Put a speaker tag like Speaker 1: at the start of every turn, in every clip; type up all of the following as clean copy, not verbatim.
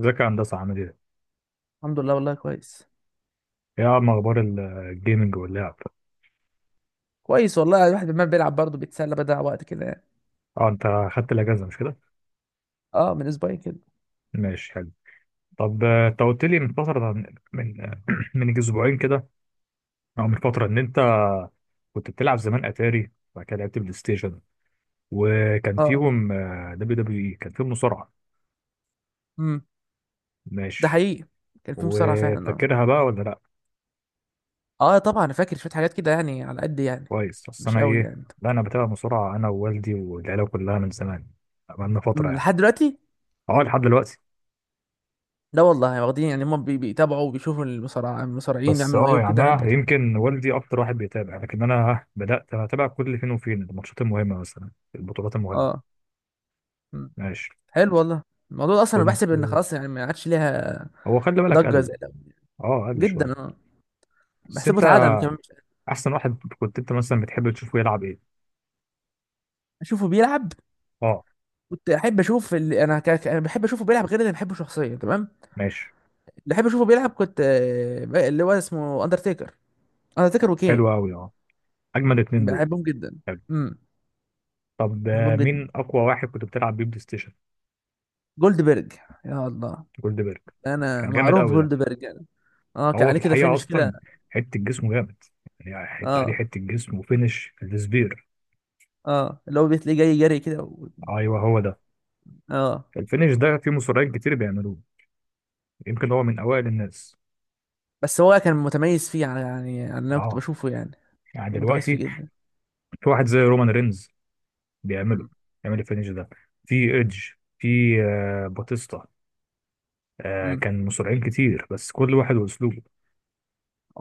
Speaker 1: ازيك يا هندسة، عامل ايه؟
Speaker 2: الحمد لله، والله كويس.
Speaker 1: ايه عم اخبار الجيمنج واللعب؟
Speaker 2: كويس والله، يعني الواحد ما بيلعب برضه بيتسلى، بدأ وقت كده يعني.
Speaker 1: اه، انت خدت الاجازة مش كده؟
Speaker 2: اه، من اسبوعين كده.
Speaker 1: ماشي، حلو. طب انت قلت لي من فترة، من آه، من اسبوعين كده، او من فترة ان انت كنت بتلعب زمان اتاري، وبعد كده لعبت بلاي ستيشن، وكان
Speaker 2: اه.
Speaker 1: فيهم دبليو دبليو اي، كان فيهم مصارعة.
Speaker 2: امم. ده
Speaker 1: ماشي.
Speaker 2: حقيقي. كان في مصارعة فعلا، اه.
Speaker 1: وفاكرها بقى ولا لا؟
Speaker 2: اه طبعا، انا فاكر شوية حاجات كده يعني، على قد يعني.
Speaker 1: كويس، اصل
Speaker 2: مش
Speaker 1: انا
Speaker 2: قوي
Speaker 1: ايه؟
Speaker 2: يعني.
Speaker 1: لا، انا بتابع مصارعة، انا ووالدي والعيلة كلها من زمان، بقالنا فترة
Speaker 2: امم،
Speaker 1: يعني.
Speaker 2: لحد دلوقتي.
Speaker 1: اه، لحد دلوقتي.
Speaker 2: لا والله، واخدين يعني، هم بيتابعوا وبيشوفوا المصارعين
Speaker 1: بس
Speaker 2: يعملوا ايه
Speaker 1: يعني
Speaker 2: وكده لحد
Speaker 1: انا
Speaker 2: دلوقتي.
Speaker 1: يمكن والدي اكتر واحد بيتابع، لكن انا بدات اتابع كل فين وفين الماتشات المهمه، مثلا البطولات المهمه.
Speaker 2: اه. امم.
Speaker 1: ماشي.
Speaker 2: حلو والله. الموضوع ده اصلا انا
Speaker 1: كنت.
Speaker 2: بحسب ان خلاص يعني، ما عادش ليها
Speaker 1: هو خلي بالك
Speaker 2: ضجة
Speaker 1: قل.
Speaker 2: زي الاول.
Speaker 1: اه، قل
Speaker 2: جدا
Speaker 1: شويه.
Speaker 2: اه.
Speaker 1: بس
Speaker 2: بحسبه
Speaker 1: انت،
Speaker 2: اتعدم كمان
Speaker 1: احسن واحد كنت انت مثلا بتحب تشوفه يلعب ايه؟
Speaker 2: اشوفه بيلعب.
Speaker 1: اه.
Speaker 2: كنت احب اشوف اللي انا بحب اشوفه بيلعب غير اللي بحبه شخصيا، تمام.
Speaker 1: ماشي.
Speaker 2: بحب اشوفه بيلعب كنت اللي هو اسمه اندرتيكر. اندرتيكر وكين.
Speaker 1: حلو قوي اه. اجمل اتنين دول.
Speaker 2: بحبهم جدا.
Speaker 1: حلو.
Speaker 2: امم.
Speaker 1: طب
Speaker 2: بحبهم جدا.
Speaker 1: مين اقوى واحد كنت بتلعب بيه بلاي ستيشن؟
Speaker 2: جولد بيرج. يا الله.
Speaker 1: جولدبرج.
Speaker 2: انا
Speaker 1: كان جامد
Speaker 2: معروف
Speaker 1: قوي
Speaker 2: جولد
Speaker 1: ده.
Speaker 2: بيرج انا. اه، كان
Speaker 1: هو في
Speaker 2: عليه كده
Speaker 1: الحقيقه
Speaker 2: فينش كده.
Speaker 1: اصلا، حته جسمه جامد، يعني حته عليه
Speaker 2: اه.
Speaker 1: حته جسم وفينش السبير.
Speaker 2: اه، اللي هو بتلاقيه جاي جري كده
Speaker 1: ايوه، هو ده.
Speaker 2: اه.
Speaker 1: الفينش ده في مصارعين كتير بيعملوه، يمكن هو من اوائل الناس.
Speaker 2: بس هو كان متميز فيه على، يعني، على اللي انا كنت
Speaker 1: اه،
Speaker 2: بشوفه يعني.
Speaker 1: يعني
Speaker 2: كان متميز فيه
Speaker 1: دلوقتي
Speaker 2: جدا.
Speaker 1: في واحد زي رومان رينز بيعمله، الفينش ده. في ايدج، في، باتيستا.
Speaker 2: امم.
Speaker 1: كان مصارعين كتير، بس كل واحد واسلوبه.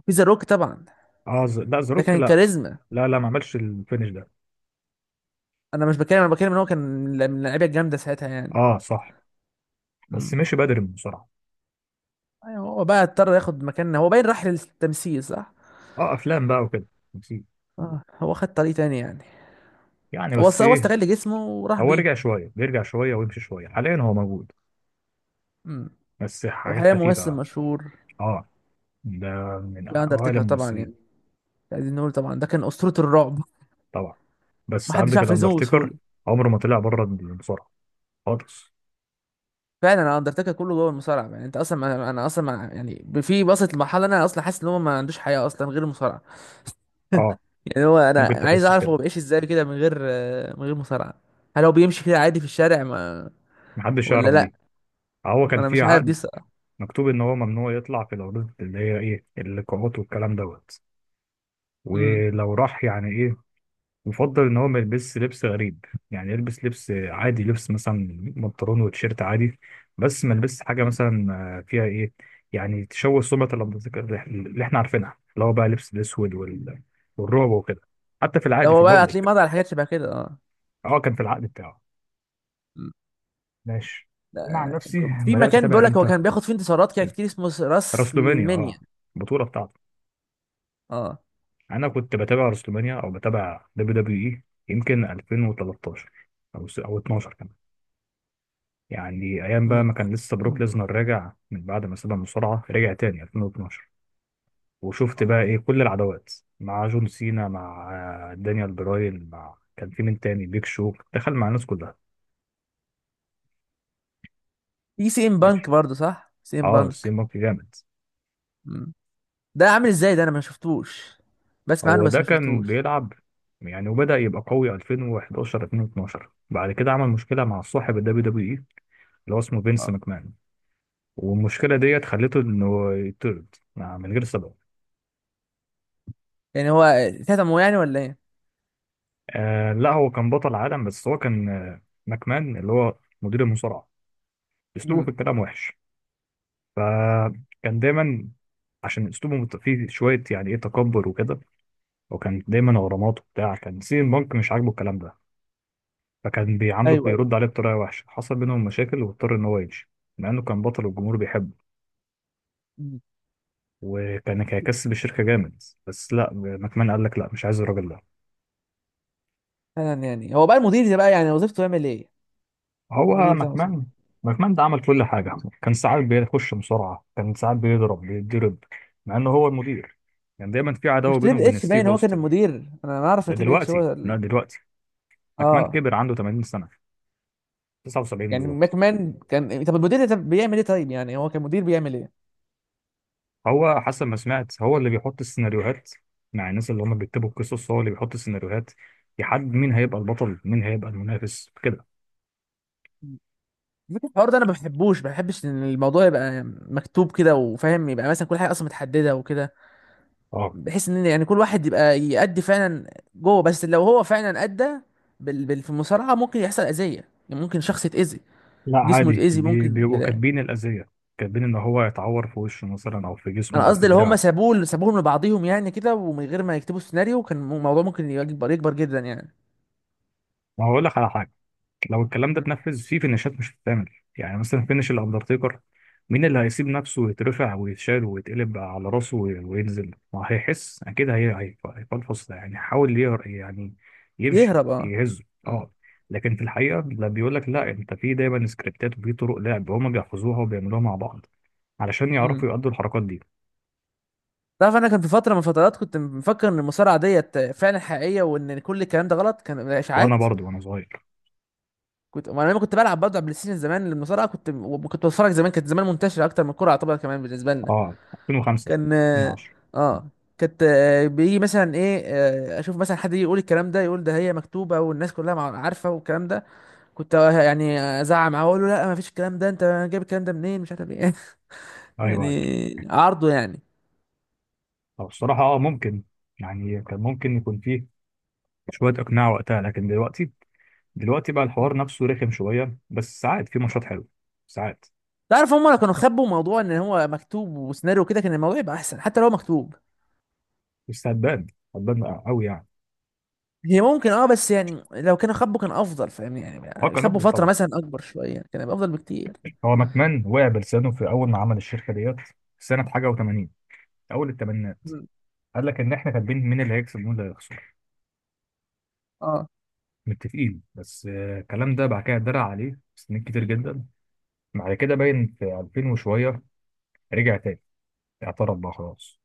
Speaker 2: في ذا روك طبعا.
Speaker 1: اه لا،
Speaker 2: ده
Speaker 1: زاروك
Speaker 2: كان
Speaker 1: لا.
Speaker 2: كاريزما.
Speaker 1: لا لا، ما عملش الفينش ده.
Speaker 2: انا مش بتكلم، انا بتكلم ان هو كان من اللعيبه الجامده ساعتها يعني.
Speaker 1: اه، صح. بس
Speaker 2: امم.
Speaker 1: مشي بدري من المصارعه.
Speaker 2: ايوه، هو بقى اضطر ياخد مكان، هو باين راح للتمثيل صح.
Speaker 1: اه، افلام بقى وكده. نسيت.
Speaker 2: اه، هو خد طريق تاني يعني.
Speaker 1: يعني بس
Speaker 2: هو
Speaker 1: ايه،
Speaker 2: استغل جسمه وراح
Speaker 1: هو
Speaker 2: بيه.
Speaker 1: رجع شويه، بيرجع شويه ويمشي شويه، حاليا هو موجود
Speaker 2: امم.
Speaker 1: بس
Speaker 2: هو
Speaker 1: حاجات
Speaker 2: حاليا ممثل
Speaker 1: خفيفه.
Speaker 2: مشهور.
Speaker 1: اه، ده من
Speaker 2: في
Speaker 1: اوائل
Speaker 2: اندرتيكر طبعا
Speaker 1: الممثلين.
Speaker 2: يعني، عايزين نقول طبعا ده كان اسطورة الرعب.
Speaker 1: طبعا. بس
Speaker 2: محدش
Speaker 1: عندك
Speaker 2: عارف يهزمه بسهولة.
Speaker 1: الاندرتيكر، عمره ما طلع بره المصارعه خالص.
Speaker 2: فعلا، انا اندرتيكر كله جوه المصارعة يعني، انت اصلا انا اصلا يعني في، وصلت لمرحلة انا اصلا حاسس ان هو ما عندوش حياة اصلا غير المصارعة.
Speaker 1: اه،
Speaker 2: يعني هو، انا
Speaker 1: ممكن
Speaker 2: عايز
Speaker 1: تحس
Speaker 2: اعرف
Speaker 1: بكده.
Speaker 2: هو بيعيش ازاي كده من غير من غير مصارعة. هل هو بيمشي كده عادي في الشارع ما
Speaker 1: محدش
Speaker 2: ولا
Speaker 1: يعرف
Speaker 2: لا؟
Speaker 1: دي. هو
Speaker 2: ما
Speaker 1: كان
Speaker 2: انا
Speaker 1: في
Speaker 2: مش عارف دي
Speaker 1: عقد
Speaker 2: الصراحة.
Speaker 1: مكتوب ان هو ممنوع يطلع في العروض اللي هي ايه، اللقاءات والكلام دوت.
Speaker 2: امم.
Speaker 1: ولو راح يعني ايه، يفضل ان هو ما يلبسش لبس غريب، يعني يلبس لبس عادي، لبس مثلا بنطلون وتيشيرت عادي. بس ما يلبسش حاجه
Speaker 2: أمم.
Speaker 1: مثلا فيها ايه، يعني تشوه سمعه الاندرتيكر اللي احنا عارفينها، اللي هو بقى لبس الاسود والرعب وكده، حتى في
Speaker 2: لو
Speaker 1: العادي في
Speaker 2: هو بقى هتلاقيه
Speaker 1: البابليك.
Speaker 2: مضى على حاجات شبه كده، اه.
Speaker 1: اه، كان في العقد بتاعه.
Speaker 2: أمم.
Speaker 1: ماشي. انا عن نفسي
Speaker 2: في
Speaker 1: بدات
Speaker 2: مكان بيقول
Speaker 1: اتابع
Speaker 2: لك هو
Speaker 1: امتى؟
Speaker 2: كان بياخد فيه انتصارات كده كتير، اسمه راس
Speaker 1: راسلومانيا،
Speaker 2: المنيا.
Speaker 1: اه، البطوله بتاعته.
Speaker 2: اه.
Speaker 1: انا كنت بتابع راسلومانيا او بتابع دبليو دبليو اي يمكن 2013، او 12 كمان، يعني ايام بقى
Speaker 2: مم.
Speaker 1: ما كان لسه بروك
Speaker 2: مم.
Speaker 1: ليزنر راجع من بعد ما ساب المصارعه، رجع تاني 2012. وشفت بقى ايه كل العداوات، مع جون سينا، مع دانيال براين، مع كان في مين تاني؟ بيك شو دخل مع الناس كلها.
Speaker 2: في سي ام بانك
Speaker 1: ماشي.
Speaker 2: برضه، صح، سي ام
Speaker 1: اه، سي
Speaker 2: بانك.
Speaker 1: مونكي جامد.
Speaker 2: مم. ده عامل ازاي ده؟ انا ما شفتوش. بسمع عنه
Speaker 1: هو
Speaker 2: بس
Speaker 1: ده
Speaker 2: ما
Speaker 1: كان
Speaker 2: شفتوش.
Speaker 1: بيلعب يعني، وبدأ يبقى قوي 2011، 2012، بعد كده عمل مشكلة مع صاحب الدبليو دبليو اي، اللي هو اسمه فينس
Speaker 2: اه.
Speaker 1: ماكمان. والمشكلة ديت خلته انه يطرد من غير سبب.
Speaker 2: يعني هو كتمه يعني ولا ايه؟
Speaker 1: لا، هو كان بطل عالم، بس هو كان ماكمان اللي هو مدير المصارعة، اسلوبه في
Speaker 2: امم.
Speaker 1: الكلام وحش. فكان دايما، عشان اسلوبه فيه شوية يعني ايه، تكبر وكده. وكان دايما غرامات وبتاع، كان سي بانك مش عاجبه الكلام ده، فكان بيعامله،
Speaker 2: ايوه، ايوه.
Speaker 1: بيرد عليه بطريقه وحشه، حصل بينهم مشاكل واضطر ان هو يمشي، مع انه كان بطل والجمهور بيحبه،
Speaker 2: مم.
Speaker 1: وكان هيكسب الشركه جامد، بس لا، ماكمان قال لك لا، مش عايز الراجل ده.
Speaker 2: فعلا يعني، هو بقى المدير ده بقى يعني وظيفته يعمل ايه؟
Speaker 1: هو
Speaker 2: المدير بتاع مصر.
Speaker 1: ماكمان، ماكمان ده عمل كل حاجه. كان ساعات بيخش مصارعه، كان ساعات بيضرب بيتضرب مع انه هو المدير. كان دايما في
Speaker 2: مش
Speaker 1: عداوه بينه
Speaker 2: تريبل
Speaker 1: وبين
Speaker 2: اتش
Speaker 1: ستيف
Speaker 2: باين هو كان
Speaker 1: اوستن.
Speaker 2: المدير؟ انا اعرف
Speaker 1: ده
Speaker 2: ان تريبل اتش
Speaker 1: دلوقتي،
Speaker 2: هو
Speaker 1: لا دلوقتي، ماكمان
Speaker 2: اه.
Speaker 1: كبر، عنده 80 سنه، 79
Speaker 2: يعني
Speaker 1: بالظبط.
Speaker 2: ماكمان كان، طب المدير ده بيعمل ايه؟ طيب يعني هو كان مدير بيعمل ايه؟
Speaker 1: هو حسب ما سمعت، هو اللي بيحط السيناريوهات مع الناس اللي هم بيكتبوا القصص. هو اللي بيحط السيناريوهات، يحدد مين هيبقى البطل، مين هيبقى المنافس كده.
Speaker 2: الحوار ده انا ما بحبش ان الموضوع يبقى مكتوب كده، وفاهم يبقى مثلا كل حاجه اصلا متحدده وكده.
Speaker 1: اه،
Speaker 2: بحيث ان يعني كل واحد يبقى يأدي فعلا جوه، بس لو هو فعلا أدى في المصارعه ممكن يحصل اذيه، يعني ممكن شخص يتأذي.
Speaker 1: لا
Speaker 2: جسمه
Speaker 1: عادي.
Speaker 2: يتأذي ممكن
Speaker 1: بيبقوا
Speaker 2: كده يعني.
Speaker 1: كاتبين الأذية، كاتبين إن هو يتعور في وشه مثلا، أو في جسمه،
Speaker 2: انا
Speaker 1: أو في
Speaker 2: قصدي، لو هم
Speaker 1: دراعه.
Speaker 2: سابوهم لبعضهم يعني كده ومن غير ما يكتبوا السيناريو، كان الموضوع ممكن يكبر يكبر جدا يعني.
Speaker 1: ما هقول لك على حاجة، لو الكلام ده
Speaker 2: مم.
Speaker 1: اتنفذ، في فينيشات مش بتتعمل، يعني مثلا فينيش الاندرتيكر، مين اللي هيسيب نفسه ويترفع ويتشال ويتقلب على راسه وينزل؟ ما هيحس اكيد، هيفلفص ده يعني، حاول يعني يمشي
Speaker 2: يهرب اه.
Speaker 1: يهزه،
Speaker 2: مم.
Speaker 1: اه. لكن في الحقيقه لا، بيقول لك لا، انت في دايما سكريبتات وفي طرق لعب هما بيحفظوها وبيعملوها مع بعض، علشان
Speaker 2: مم.
Speaker 1: يعرفوا يأدوا الحركات دي.
Speaker 2: تعرف، انا كان في فتره من فترات كنت مفكر ان المصارعه ديت فعلا حقيقيه، وان كل الكلام ده غلط، كان
Speaker 1: وانا
Speaker 2: اشاعات.
Speaker 1: برضو وانا صغير،
Speaker 2: كنت، ما انا لما كنت بلعب برضه على بلاي ستيشن زمان المصارعه كنت، كنت بتفرج زمان، كانت زمان منتشره اكتر من الكوره، يعتبر كمان بالنسبه لنا.
Speaker 1: اه، 2005،
Speaker 2: كان.
Speaker 1: 2010.
Speaker 2: اه. كانت بيجي مثلا ايه اشوف مثلا حد يجي يقول الكلام ده، يقول ده هي مكتوبه والناس كلها عارفه والكلام ده. كنت يعني ازعق معاه واقول له لا، ما فيش الكلام ده، انت جايب الكلام ده منين؟ مش عارف ايه.
Speaker 1: ايوه ايوه.
Speaker 2: يعني عرضه يعني.
Speaker 1: طب الصراحه ممكن، يعني كان ممكن يكون فيه شوية إقناع وقتها، لكن دلوقتي، دلوقتي بقى الحوار نفسه رخم شوية، بس ساعات في ماتشات حلوة، ساعات.
Speaker 2: تعرف، هم لو كانوا خبوا موضوع ان هو مكتوب وسيناريو كده كان الموضوع يبقى احسن، حتى لو مكتوب.
Speaker 1: بس هتبان، هتبان قوي يعني.
Speaker 2: هي ممكن، اه، بس يعني لو كان خبه كان افضل، فاهمني
Speaker 1: اه،
Speaker 2: يعني،
Speaker 1: كان
Speaker 2: خبه
Speaker 1: أفضل
Speaker 2: فتره
Speaker 1: طبعا.
Speaker 2: مثلا اكبر شويه يعني كان هيبقى افضل بكتير.
Speaker 1: هو ماكمان وقع بلسانه في أول ما عمل الشركة ديت، سنة حاجة و80، أول الثمانينات.
Speaker 2: مم.
Speaker 1: قال لك إن إحنا كاتبين مين اللي هيكسب ومين اللي هيخسر
Speaker 2: اه.
Speaker 1: متفقين، بس الكلام ده بعد كده اتدرع عليه سنين كتير جدا. بعد كده باين في 2000 وشوية، رجع تاني، اعترف بقى خلاص.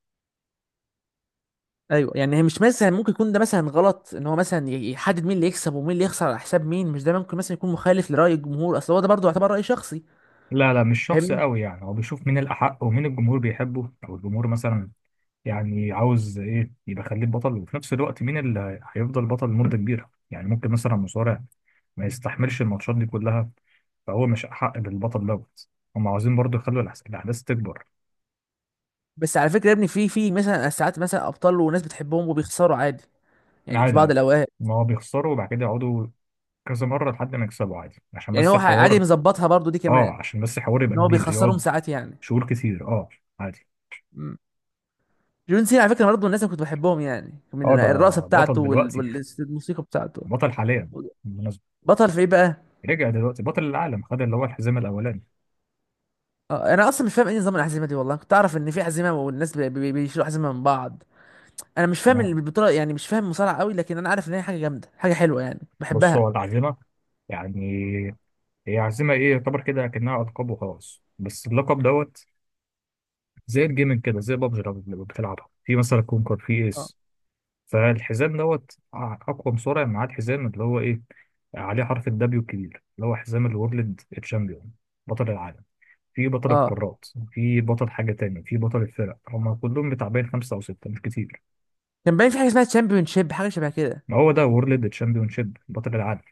Speaker 2: ايوه، يعني هي مش مثلا ممكن يكون ده مثلا غلط ان هو مثلا يحدد مين اللي يكسب ومين اللي يخسر، على حساب مين؟ مش ده ممكن مثلا يكون مخالف لراي الجمهور، اصل هو ده برضه يعتبر راي شخصي.
Speaker 1: لا لا، مش شخص
Speaker 2: فاهمني.
Speaker 1: قوي يعني، هو بيشوف مين الأحق ومين الجمهور بيحبه، أو الجمهور مثلا يعني عاوز ايه، يبقى خليه بطل. وفي نفس الوقت مين اللي هيفضل بطل لمده كبيره، يعني ممكن مثلا مصارع ما يستحملش الماتشات دي كلها، فهو مش حق بالبطل دوت. هم عاوزين برضه يخلوا الاحداث تكبر.
Speaker 2: بس على فكره يا ابني، في مثلا ساعات مثلا ابطال وناس بتحبهم وبيخسروا عادي. يعني في
Speaker 1: عادي
Speaker 2: بعض
Speaker 1: عادي،
Speaker 2: الاوقات.
Speaker 1: ما هو بيخسروا وبعد كده يقعدوا كذا مره لحد ما يكسبوا، عادي، عشان
Speaker 2: يعني
Speaker 1: بس
Speaker 2: هو عادي،
Speaker 1: الحوار.
Speaker 2: مظبطها برضه دي
Speaker 1: اه،
Speaker 2: كمان.
Speaker 1: عشان بس الحوار يبقى
Speaker 2: ان هو
Speaker 1: كبير
Speaker 2: بيخسرهم
Speaker 1: يقعد
Speaker 2: ساعات يعني.
Speaker 1: شهور كتير، اه. عادي.
Speaker 2: جون سينا على فكره، برضه الناس اللي كنت بحبهم يعني،
Speaker 1: اه،
Speaker 2: من
Speaker 1: ده
Speaker 2: الرقصه بتاعته
Speaker 1: بطل دلوقتي،
Speaker 2: والموسيقى بتاعته.
Speaker 1: بطل حاليا، بالمناسبة.
Speaker 2: بطل في ايه بقى؟
Speaker 1: رجع دلوقتي بطل العالم، خد اللي هو الحزام الأولاني.
Speaker 2: انا اصلا مش فاهم ايه نظام العزيمه دي، والله كنت اعرف ان في عزيمه والناس بيشيلوا عزيمه من بعض. انا مش فاهم
Speaker 1: تمام.
Speaker 2: البطوله يعني، مش فاهم مصارعه قوي، لكن انا عارف ان هي حاجه جامده، حاجه حلوه، يعني
Speaker 1: بص هو
Speaker 2: بحبها.
Speaker 1: العزيمة يعني، هي عازمة ايه، يعتبر كده كأنها ألقاب وخلاص، بس اللقب دوت زي الجيمنج كده، زي بابجي لما بتلعبها في مثلا كونكر في
Speaker 2: اه.
Speaker 1: ايس. فالحزام دوت أقوى مصارع معاه الحزام، اللي هو ايه، عليه حرف الدبليو الكبير، اللي هو حزام الورلد تشامبيون، بطل العالم. في بطل
Speaker 2: اه.
Speaker 1: القارات، في بطل حاجة تانية، في بطل الفرق، هما كلهم بتاع خمسة أو ستة، مش كتير.
Speaker 2: كان باين في حاجه اسمها تشامبيون شيب، حاجه شبه كده.
Speaker 1: ما هو ده وورلد تشامبيون شيب، بطل العالم.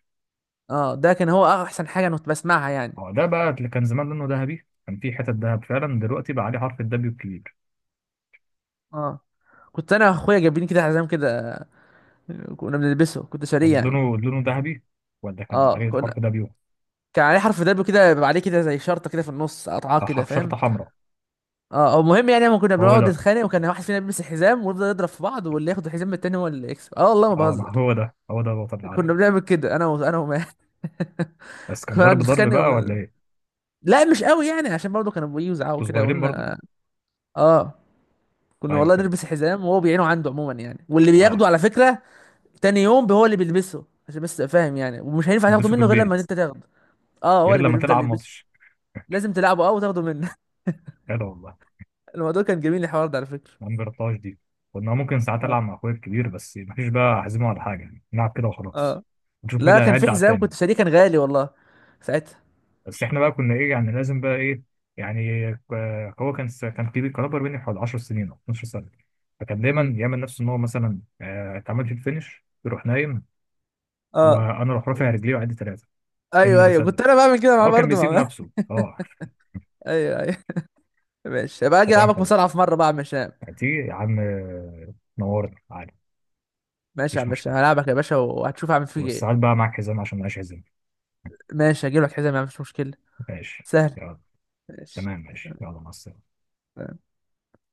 Speaker 2: اه، ده كان هو احسن حاجه انا كنت بسمعها يعني.
Speaker 1: هو ده بقى اللي كان زمان لونه ذهبي، كان في حتت ذهب فعلا، دلوقتي بقى عليه حرف الدبليو الكبير.
Speaker 2: اه. كنت انا واخويا جايبين كده حزام كده. كنا بنلبسه، كنت شاريه
Speaker 1: كان
Speaker 2: يعني.
Speaker 1: لونه ذهبي، ولا كان
Speaker 2: اه
Speaker 1: عليه
Speaker 2: كنا.
Speaker 1: الحرف ده بيوم،
Speaker 2: كان عليه حرف دب كده، بيبقى عليه كده زي شرطه كده في النص قطعاه كده، فاهم؟
Speaker 1: شرطة حمراء.
Speaker 2: اه، او المهم يعني، لما كنا
Speaker 1: هو
Speaker 2: بنقعد
Speaker 1: ده،
Speaker 2: نتخانق وكان واحد فينا بيلبس الحزام ويفضل يضرب في بعض، واللي ياخد الحزام من التاني هو اللي يكسب، اه والله ما
Speaker 1: اه، ما
Speaker 2: بهزر.
Speaker 1: هو ده الوطن
Speaker 2: كنا
Speaker 1: العادي.
Speaker 2: بنعمل كده، انا و... انا وما
Speaker 1: بس كان
Speaker 2: كنا نقعد
Speaker 1: ضرب ضرب
Speaker 2: نتخانق
Speaker 1: بقى ولا ايه؟
Speaker 2: لا، مش قوي يعني، عشان برضه كانوا بيجوا يزعقوا
Speaker 1: انتوا
Speaker 2: كده
Speaker 1: صغيرين برضو؟
Speaker 2: وقلنا. اه. كنا
Speaker 1: ايوه
Speaker 2: والله
Speaker 1: كده،
Speaker 2: نلبس حزام وهو بيعينه عنده عموما يعني، واللي
Speaker 1: اه.
Speaker 2: بياخده على فكره تاني يوم هو اللي بيلبسه، عشان بس تبقى فاهم يعني، ومش هينفع تاخده
Speaker 1: تلبسوا في
Speaker 2: منه غير لما
Speaker 1: البيت
Speaker 2: انت تاخده. اه، هو
Speaker 1: غير
Speaker 2: اللي
Speaker 1: لما
Speaker 2: بيفضل
Speaker 1: تلعب
Speaker 2: يلبسه.
Speaker 1: ماتش.
Speaker 2: لازم تلعبه اه وتاخده منه.
Speaker 1: كده والله.
Speaker 2: الموضوع كان جميل الحوار ده على فكره.
Speaker 1: ما جربتهاش دي. كنا ممكن ساعات
Speaker 2: اه.
Speaker 1: العب مع اخويا الكبير، بس مفيش بقى احزمه على حاجه يعني. نلعب كده وخلاص،
Speaker 2: اه.
Speaker 1: نشوف مين
Speaker 2: لا،
Speaker 1: اللي
Speaker 2: كان في
Speaker 1: هيعد على
Speaker 2: حزام
Speaker 1: التاني.
Speaker 2: كنت شاريه، كان غالي والله ساعتها.
Speaker 1: بس احنا بقى كنا ايه يعني، لازم بقى ايه. يعني هو كان س- كان كبير كان اكبر مني بحوالي 10 سنين او 12 سنه، فكان دايما
Speaker 2: امم.
Speaker 1: يعمل نفسه ان هو مثلا اتعمل في الفينش، يروح نايم
Speaker 2: اه.
Speaker 1: وانا اروح رافع رجلي وعدي ثلاثه، كاني
Speaker 2: ايوه، ايوه، كنت
Speaker 1: بسلم.
Speaker 2: انا بعمل كده معاه
Speaker 1: هو كان
Speaker 2: برضه
Speaker 1: بيسيب
Speaker 2: مع.
Speaker 1: نفسه، اه.
Speaker 2: ايوه، ايوه. ماشي، يبقى اجي
Speaker 1: استطعم،
Speaker 2: العبك
Speaker 1: حلو
Speaker 2: مصارعه في مره بقى يا عم هشام.
Speaker 1: يعني. تيجي يا عم نورنا عادي.
Speaker 2: ماشي يا
Speaker 1: مفيش
Speaker 2: عم هشام،
Speaker 1: مشكله.
Speaker 2: هلعبك يا باشا وهتشوف اعمل فيك ايه.
Speaker 1: والساعات بقى معاك حزام عشان معيش حزام.
Speaker 2: ماشي، هجيب لك حزام يا عم، مش مشكله.
Speaker 1: ماشي
Speaker 2: سهل.
Speaker 1: يلا.
Speaker 2: ماشي.
Speaker 1: تمام ماشي، يلا، مع السلامه.